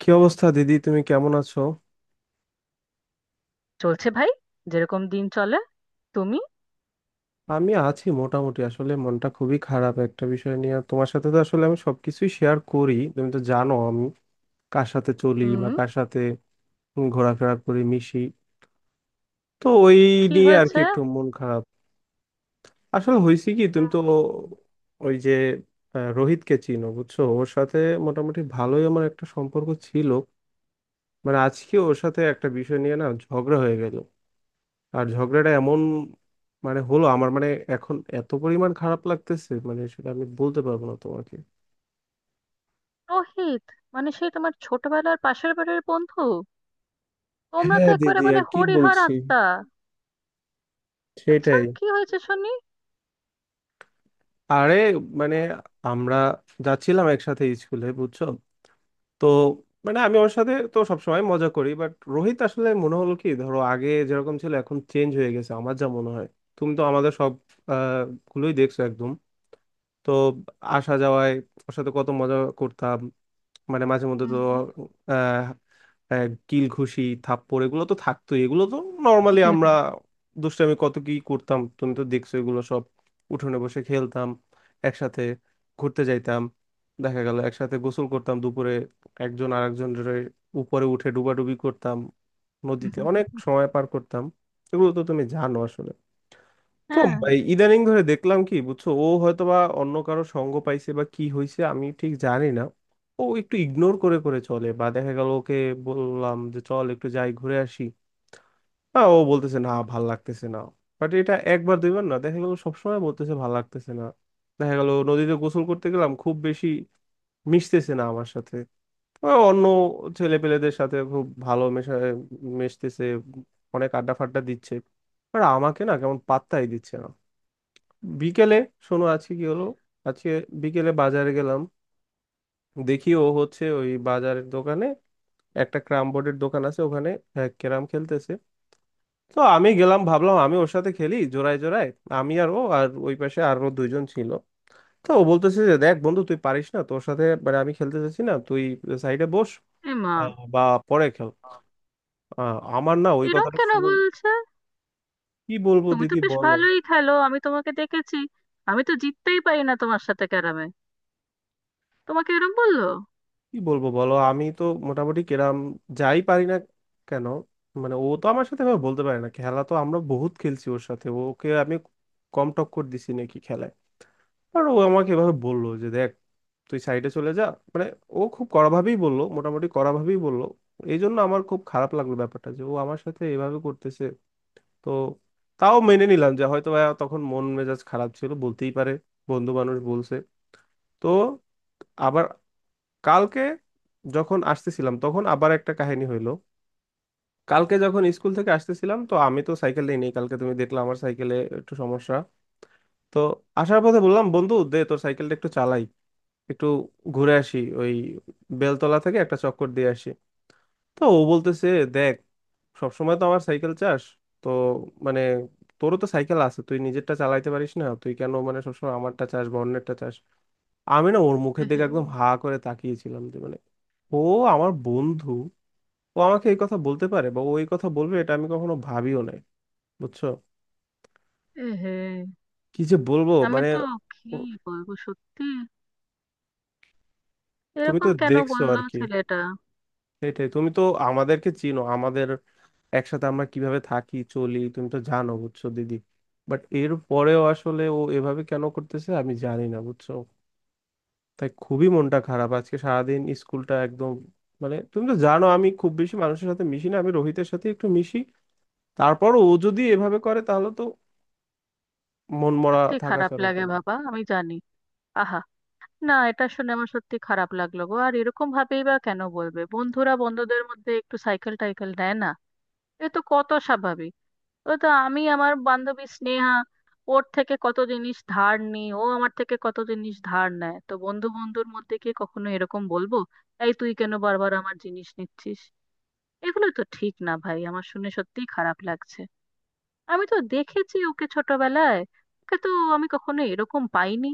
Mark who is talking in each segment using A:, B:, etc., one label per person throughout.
A: কি অবস্থা দিদি? তুমি কেমন আছো?
B: চলছে ভাই। যেরকম দিন চলে। তুমি?
A: আমি আছি মোটামুটি। আসলে মনটা খুবই খারাপ একটা বিষয় নিয়ে, আর তোমার সাথে তো আসলে আমি সবকিছুই শেয়ার করি, তুমি তো জানো আমি কার সাথে চলি বা
B: হুম।
A: কার সাথে ঘোরাফেরা করি, মিশি। তো ওই
B: কি
A: নিয়ে আর কি
B: হয়েছে?
A: একটু মন খারাপ। আসলে হয়েছে কি, তুমি তো ওই যে রোহিতকে চিনো, বুঝছো? ওর সাথে মোটামুটি ভালোই আমার একটা সম্পর্ক ছিল। মানে আজকে ওর সাথে একটা বিষয় নিয়ে না ঝগড়া হয়ে গেল। আর ঝগড়াটা এমন, মানে হলো আমার মানে এখন এত পরিমাণ খারাপ লাগতেছে, মানে সেটা আমি বলতে পারবো না তোমাকে।
B: রোহিত? মানে সেই তোমার ছোটবেলার পাশের বাড়ির বন্ধু? তোমরা তো
A: হ্যাঁ
B: একেবারে
A: দিদি,
B: মানে
A: আর কি
B: হরিহর
A: বলছি,
B: আত্মা। আচ্ছা,
A: সেটাই।
B: কি হয়েছে শুনি।
A: আরে মানে আমরা যাচ্ছিলাম একসাথে স্কুলে, বুঝছো? তো মানে আমি ওর সাথে তো সবসময় মজা করি, বাট রোহিত আসলে মনে হলো কি, ধরো আগে যেরকম ছিল এখন চেঞ্জ হয়ে গেছে, আমার যা মনে হয়। তুমি তো আমাদের সব আহ, গুলোই দেখছো একদম। তো আসা যাওয়ায় ওর সাথে কত মজা করতাম। মানে মাঝে মধ্যে তো কিল ঘুষি থাপ্পড় এগুলো তো থাকতোই, এগুলো তো নর্মালি আমরা দুষ্টামি কত কি করতাম, তুমি তো দেখছো এগুলো সব। উঠোনে বসে খেলতাম একসাথে, ঘুরতে যাইতাম, দেখা গেল একসাথে গোসল করতাম দুপুরে, একজন আরেকজনের উপরে উঠে ডুবাডুবি করতাম, নদীতে অনেক
B: হুম।
A: সময় পার করতাম, এগুলো তো তুমি জানো আসলে। তো
B: হ্যাঁ।
A: ভাই ইদানিং ধরে দেখলাম কি বুঝছো, ও হয়তো বা অন্য কারো সঙ্গ পাইছে বা কি হয়েছে আমি ঠিক জানি না। ও একটু ইগনোর করে করে চলে। বা দেখা গেল ওকে বললাম যে চল একটু যাই ঘুরে আসি, হ্যাঁ ও বলতেছে না ভাল লাগতেছে না। বাট এটা একবার দুইবার না, দেখা গেল সবসময় বলতেছে ভাল লাগতেছে না। দেখা গেল নদীতে গোসল করতে গেলাম, খুব বেশি মিশতেছে না আমার সাথে। ও অন্য ছেলে পেলেদের সাথে খুব ভালো মেশা মিশতেছে, অনেক আড্ডা ফাড্ডা দিচ্ছে, আর আমাকে না কেমন পাত্তাই দিচ্ছে না। বিকেলে, শোনো আজকে কি হলো, আজকে বিকেলে বাজারে গেলাম, দেখি ও হচ্ছে ওই বাজারের দোকানে, একটা ক্যারাম বোর্ডের দোকান আছে ওখানে, হ্যাঁ, ক্যারাম খেলতেছে। তো আমি গেলাম, ভাবলাম আমি ওর সাথে খেলি জোড়ায় জোড়ায়, আমি আর ও আর ওই পাশে আরো দুইজন ছিল। তো ও বলতেছে যে, দেখ বন্ধু তুই পারিস না, তোর সাথে মানে আমি খেলতে চাচ্ছি না, তুই সাইডে বস
B: এমা,
A: বা পরে খেল। আমার না ওই
B: এরম
A: কথাটা
B: কেন
A: শুনুন,
B: বলছে?
A: কি বলবো
B: তুমি তো
A: দিদি
B: বেশ
A: বলো।
B: ভালোই খেলো, আমি তোমাকে দেখেছি। আমি তো জিততেই পারি না তোমার সাথে ক্যারামে। তোমাকে এরম বললো?
A: কি বলবো বলো, আমি তো মোটামুটি কেরাম যাই পারি না কেন, মানে ও তো আমার সাথে এভাবে বলতে পারে না, খেলা তো আমরা বহুত খেলছি ওর সাথে, ওকে আমি কম টক্কর দিছি নাকি খেলায়। আর ও আমাকে এভাবে বললো যে দেখ তুই সাইডে চলে যা। মানে ও খুব কড়াভাবেই বললো, মোটামুটি কড়াভাবেই বললো। এই জন্য আমার খুব খারাপ লাগলো ব্যাপারটা যে ও আমার সাথে এভাবে করতেছে। তো তাও মেনে নিলাম, যে হয়তো বা তখন মন মেজাজ খারাপ ছিল বলতেই পারে, বন্ধু মানুষ বলছে। তো আবার কালকে যখন আসতেছিলাম তখন আবার একটা কাহিনী হইলো। কালকে যখন স্কুল থেকে আসতেছিলাম, তো আমি তো সাইকেল নিয়ে নেই, কালকে তুমি দেখলে আমার সাইকেলে একটু সমস্যা। তো আসার পথে বললাম বন্ধু দে তোর সাইকেলটা একটু চালাই, একটু ঘুরে আসি ওই বেলতলা থেকে একটা চক্কর দিয়ে আসি। তো ও বলতেছে, দেখ সবসময় তো আমার সাইকেল চাস, তো মানে তোরও তো সাইকেল আছে, তুই নিজেরটা চালাইতে পারিস না, তুই কেন মানে সবসময় আমারটা চাস বা অন্যেরটা চাস। আমি না ওর মুখের দিকে
B: এহে।
A: একদম হা করে তাকিয়েছিলাম, যে মানে ও আমার বন্ধু, ও আমাকে এই কথা বলতে পারে বা ও এই কথা বলবে, এটা আমি কখনো ভাবিও নাই, বুঝছো?
B: এহে।
A: কি যে বলবো
B: আমি
A: মানে।
B: তো, কি
A: ও-
B: বলবো সত্যি,
A: তুমি তো
B: এরকম কেন
A: দেখছো
B: বললো
A: আর কি,
B: ছেলেটা?
A: সেটাই, তুমি তো আমাদেরকে চিনো, আমাদের একসাথে আমরা কিভাবে থাকি চলি তুমি তো জানো, বুঝছো দিদি। বাট এর পরেও আসলে ও এভাবে কেন করতেছে আমি জানি না, বুঝছো। তাই খুবই মনটা খারাপ, আজকে সারাদিন স্কুলটা একদম। মানে তুমি তো জানো আমি খুব বেশি মানুষের সাথে মিশি না, আমি রোহিতের সাথে একটু মিশি, তারপর ও যদি এভাবে করে তাহলে তো মন মরা
B: সত্যি
A: থাকা
B: খারাপ
A: ছাড়া
B: লাগে
A: উপায় নেই।
B: বাবা, আমি জানি। আহা। না, এটা শুনে আমার সত্যি খারাপ লাগলো গো। আর এরকম ভাবেই বা কেন বলবে? বন্ধুরা বন্ধুদের মধ্যে একটু সাইকেল টাইকেল নেয় না? এ তো কত স্বাভাবিক। ও তো, আমি আমার বান্ধবী স্নেহা, ওর থেকে কত জিনিস ধার নিই, ও আমার থেকে কত জিনিস ধার নেয়। তো বন্ধু বন্ধুর মধ্যে কি কখনো এরকম বলবো, এই তুই কেন বারবার আমার জিনিস নিচ্ছিস? এগুলো তো ঠিক না ভাই, আমার শুনে সত্যিই খারাপ লাগছে। আমি তো দেখেছি ওকে ছোটবেলায়, ওকে তো আমি কখনো এরকম পাইনি।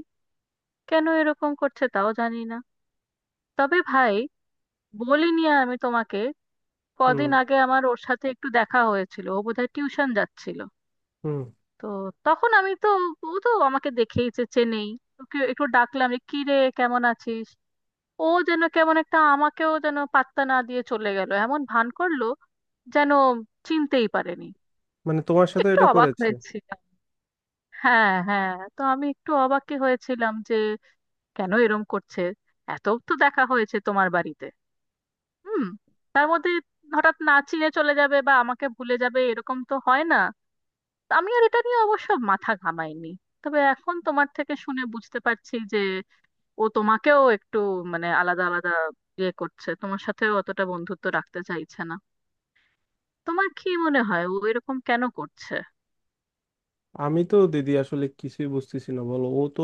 B: কেন এরকম করছে তাও জানি না। তবে ভাই, বলিনি আমি তোমাকে,
A: হুম।
B: কদিন আগে আমার ওর সাথে একটু দেখা হয়েছিল, ও বোধহয় টিউশন যাচ্ছিল।
A: হুম।
B: তো তখন আমি তো, ও তো আমাকে দেখেইছে, চেনেই। ওকে একটু ডাকলাম যে কি রে, কেমন আছিস। ও যেন কেমন একটা আমাকেও যেন পাত্তা না দিয়ে চলে গেল, এমন ভান করলো যেন চিনতেই পারেনি।
A: মানে তোমার সাথে
B: একটু
A: এটা
B: অবাক
A: করেছে?
B: হয়েছিলাম। হ্যাঁ হ্যাঁ, তো আমি একটু অবাকই হয়েছিলাম যে কেন এরম করছে। এত তো দেখা হয়েছে তোমার বাড়িতে, হুম, তার মধ্যে হঠাৎ না চিনে চলে যাবে বা আমাকে ভুলে যাবে এরকম তো হয় না। তো আমি আর এটা নিয়ে অবশ্য মাথা ঘামাইনি। তবে এখন তোমার থেকে শুনে বুঝতে পারছি যে ও তোমাকেও একটু মানে আলাদা আলাদা ইয়ে করছে, তোমার সাথেও অতটা বন্ধুত্ব রাখতে চাইছে না। তোমার কি মনে হয় ও এরকম কেন করছে?
A: আমি তো দিদি আসলে কিছুই বুঝতেছি না বলো, ও তো,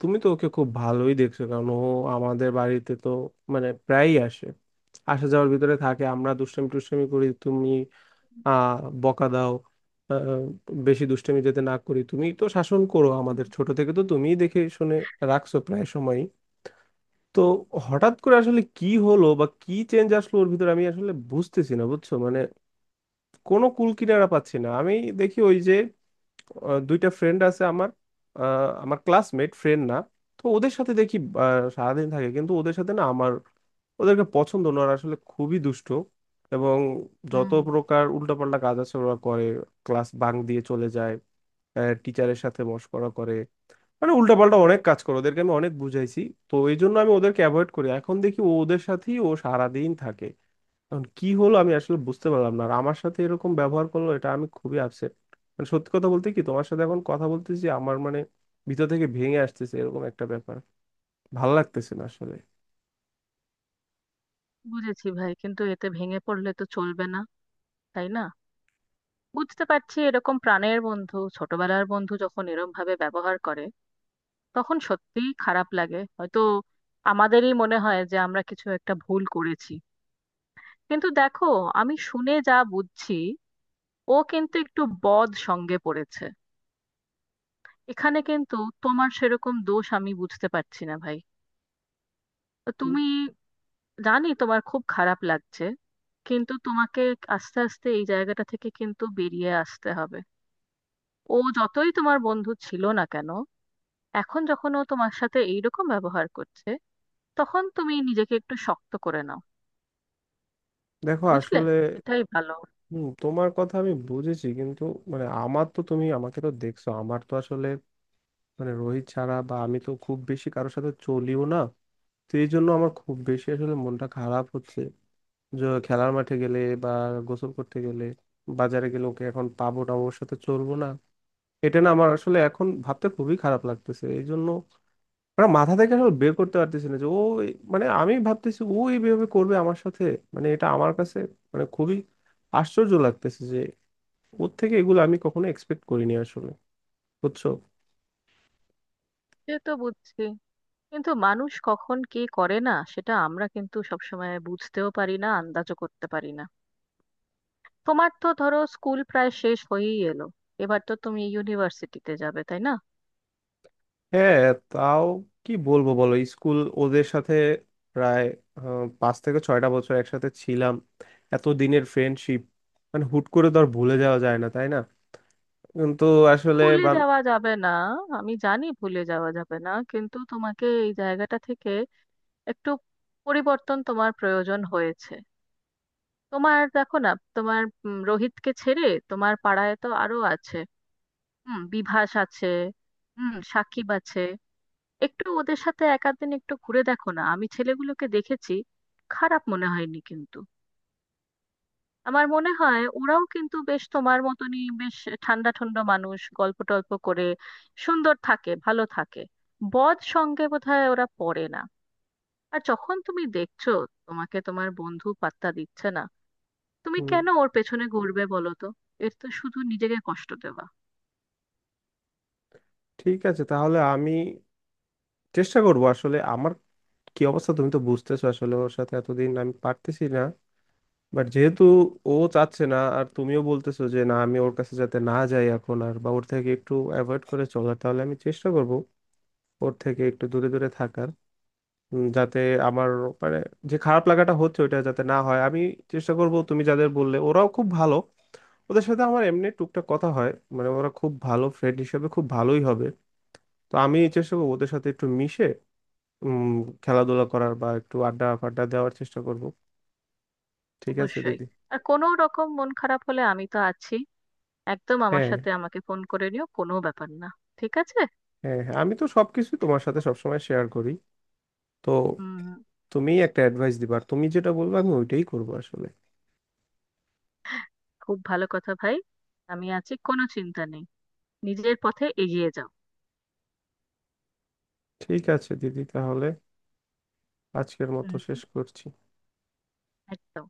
A: তুমি তো ওকে খুব ভালোই দেখছো, কারণ ও আমাদের বাড়িতে তো মানে প্রায়ই আসে, আসা যাওয়ার ভিতরে থাকে, আমরা দুষ্টামি টুষ্টামি করি, তুমি আহ বকা দাও আহ, বেশি দুষ্টামি যাতে না করি, তুমি তো শাসন করো আমাদের, ছোট থেকে তো তুমিই দেখে শুনে রাখছো প্রায় সময়ই। তো হঠাৎ করে আসলে কি হলো বা কি চেঞ্জ আসলো ওর ভিতরে, আমি আসলে বুঝতেছি না বুঝছো, মানে কোনো কুল কিনারা পাচ্ছি না আমি। দেখি ওই যে দুইটা ফ্রেন্ড আছে আমার, আমার ক্লাসমেট ফ্রেন্ড না, তো ওদের সাথে দেখি সারাদিন থাকে। কিন্তু ওদের সাথে না আমার ওদেরকে পছন্দ না, ওরা আসলে খুবই দুষ্ট এবং যত
B: হুম,
A: প্রকার উল্টাপাল্টা কাজ আছে ওরা করে, ক্লাস বাং দিয়ে চলে যায়, টিচারের সাথে মশকরা করে, মানে উল্টাপাল্টা অনেক কাজ করে, ওদেরকে আমি অনেক বুঝাইছি। তো এই জন্য আমি ওদেরকে অ্যাভয়েড করি, এখন দেখি ও ওদের সাথেই ও সারাদিন থাকে। এখন কি হলো আমি আসলে বুঝতে পারলাম না, আর আমার সাথে এরকম ব্যবহার করলো, এটা আমি খুবই আপসেট। মানে সত্যি কথা বলতে কি, তোমার সাথে এখন কথা বলতেছি, আমার মানে ভিতর থেকে ভেঙে আসতেছে এরকম একটা ব্যাপার, ভাল লাগতেছে না আসলে।
B: বুঝেছি ভাই, কিন্তু এতে ভেঙে পড়লে তো চলবে না, তাই না? বুঝতে পারছি, এরকম প্রাণের বন্ধু, ছোটবেলার বন্ধু যখন এরম ভাবে ব্যবহার করে তখন সত্যিই খারাপ লাগে। হয়তো আমাদেরই মনে হয় যে আমরা কিছু একটা ভুল করেছি। কিন্তু দেখো, আমি শুনে যা বুঝছি ও কিন্তু একটু বদ সঙ্গে পড়েছে। এখানে কিন্তু তোমার সেরকম দোষ আমি বুঝতে পারছি না ভাই। তো
A: উম,
B: তুমি, জানি তোমার খুব খারাপ লাগছে, কিন্তু তোমাকে আস্তে আস্তে এই জায়গাটা থেকে কিন্তু বেরিয়ে আসতে হবে। ও যতই তোমার বন্ধু ছিল না কেন, এখন যখন ও তোমার সাথে এইরকম ব্যবহার করছে, তখন তুমি নিজেকে একটু শক্ত করে নাও।
A: দেখো
B: বুঝলে?
A: আসলে
B: এটাই ভালো।
A: হম, তোমার কথা আমি বুঝেছি কিন্তু মানে আমার তো, তুমি আমাকে তো দেখছো, আমার তো আসলে মানে রোহিত ছাড়া বা আমি তো খুব বেশি কারোর সাথে চলিও না। তো এই জন্য আমার খুব বেশি আসলে মনটা খারাপ হচ্ছে, যে খেলার মাঠে গেলে বা গোসল করতে গেলে বাজারে গেলে ওকে এখন পাবো না, ওর সাথে চলবো না, এটা না আমার আসলে এখন ভাবতে খুবই খারাপ লাগতেছে। এই জন্য মানে মাথা থেকে আসলে বের করতে পারতেছি না, যে ও মানে আমি ভাবতেছি ও এইভাবে করবে আমার সাথে! মানে এটা আমার কাছে মানে খুবই আশ্চর্য লাগতেছে, যে ওর থেকে এগুলো আমি কখনো এক্সপেক্ট করিনি আসলে, বুঝছো।
B: সে তো বুঝছি, কিন্তু মানুষ কখন কি করে না সেটা আমরা কিন্তু সবসময় বুঝতেও পারি না, আন্দাজও করতে পারি না। তোমার তো ধরো স্কুল প্রায় শেষ হয়েই এলো, এবার তো তুমি ইউনিভার্সিটিতে যাবে, তাই না?
A: হ্যাঁ। তাও কি বলবো বলো, স্কুল ওদের সাথে প্রায় পাঁচ থেকে ছয়টা বছর একসাথে ছিলাম, এত দিনের ফ্রেন্ডশিপ, মানে হুট করে তো আর ভুলে যাওয়া যায় না তাই না। তো আসলে
B: ভুলে যাওয়া যাবে না, আমি জানি ভুলে যাওয়া যাবে না, কিন্তু তোমাকে এই জায়গাটা থেকে একটু পরিবর্তন তোমার প্রয়োজন হয়েছে। তোমার দেখো না, তোমার রোহিতকে ছেড়ে তোমার পাড়ায় তো আরো আছে। হুম, বিভাস আছে, হুম, সাকিব আছে। একটু ওদের সাথে এক আধ দিন একটু ঘুরে দেখো না, আমি ছেলেগুলোকে দেখেছি, খারাপ মনে হয়নি কিন্তু। আমার মনে হয় ওরাও কিন্তু বেশ তোমার মতনই বেশ ঠান্ডা ঠান্ডা মানুষ, গল্প টল্প করে, সুন্দর থাকে, ভালো থাকে। বদ সঙ্গে বোধহয় ওরা পড়ে না। আর যখন তুমি দেখছো তোমাকে তোমার বন্ধু পাত্তা দিচ্ছে না, তুমি
A: হুম,
B: কেন ওর পেছনে ঘুরবে বলো তো? এর তো শুধু নিজেকে কষ্ট দেওয়া।
A: ঠিক আছে তাহলে আমি চেষ্টা করব আসলে। আমার কি অবস্থা তুমি তো বুঝতেছো, আসলে ওর সাথে এতদিন, আমি পারতেছি না। বাট যেহেতু ও চাচ্ছে না, আর তুমিও বলতেছো যে না আমি ওর কাছে যাতে না যাই এখন আর, বা ওর থেকে একটু অ্যাভয়েড করে চলার, তাহলে আমি চেষ্টা করব ওর থেকে একটু দূরে দূরে থাকার, যাতে আমার মানে যে খারাপ লাগাটা হচ্ছে ওইটা যাতে না হয়। আমি চেষ্টা করব, তুমি যাদের বললে ওরাও খুব ভালো, ওদের সাথে আমার এমনি টুকটাক কথা হয়, মানে ওরা খুব ভালো ফ্রেন্ড হিসেবে খুব ভালোই হবে। তো আমি চেষ্টা করবো ওদের সাথে একটু মিশে উম খেলাধুলা করার বা একটু আড্ডা ফাড্ডা দেওয়ার চেষ্টা করব। ঠিক আছে
B: অবশ্যই।
A: দিদি।
B: আর কোনো রকম মন খারাপ হলে আমি তো আছি, একদম আমার
A: হ্যাঁ।
B: সাথে, আমাকে ফোন করে নিও, কোনো ব্যাপার না। ঠিক আছে।
A: হ্যাঁ। হ্যাঁ আমি তো সবকিছু তোমার সাথে সবসময় শেয়ার করি। তো
B: হুম।
A: তুমি একটা অ্যাডভাইস দিবা আর তুমি যেটা বলবে আমি ওইটাই করবো আসলে।
B: খুব ভালো কথা ভাই, আমি আছি, কোনো চিন্তা নেই। নিজের পথে এগিয়ে যাও।
A: ঠিক আছে দিদি, তাহলে আজকের মতো
B: হুম
A: শেষ
B: হুম,
A: করছি।
B: একদম।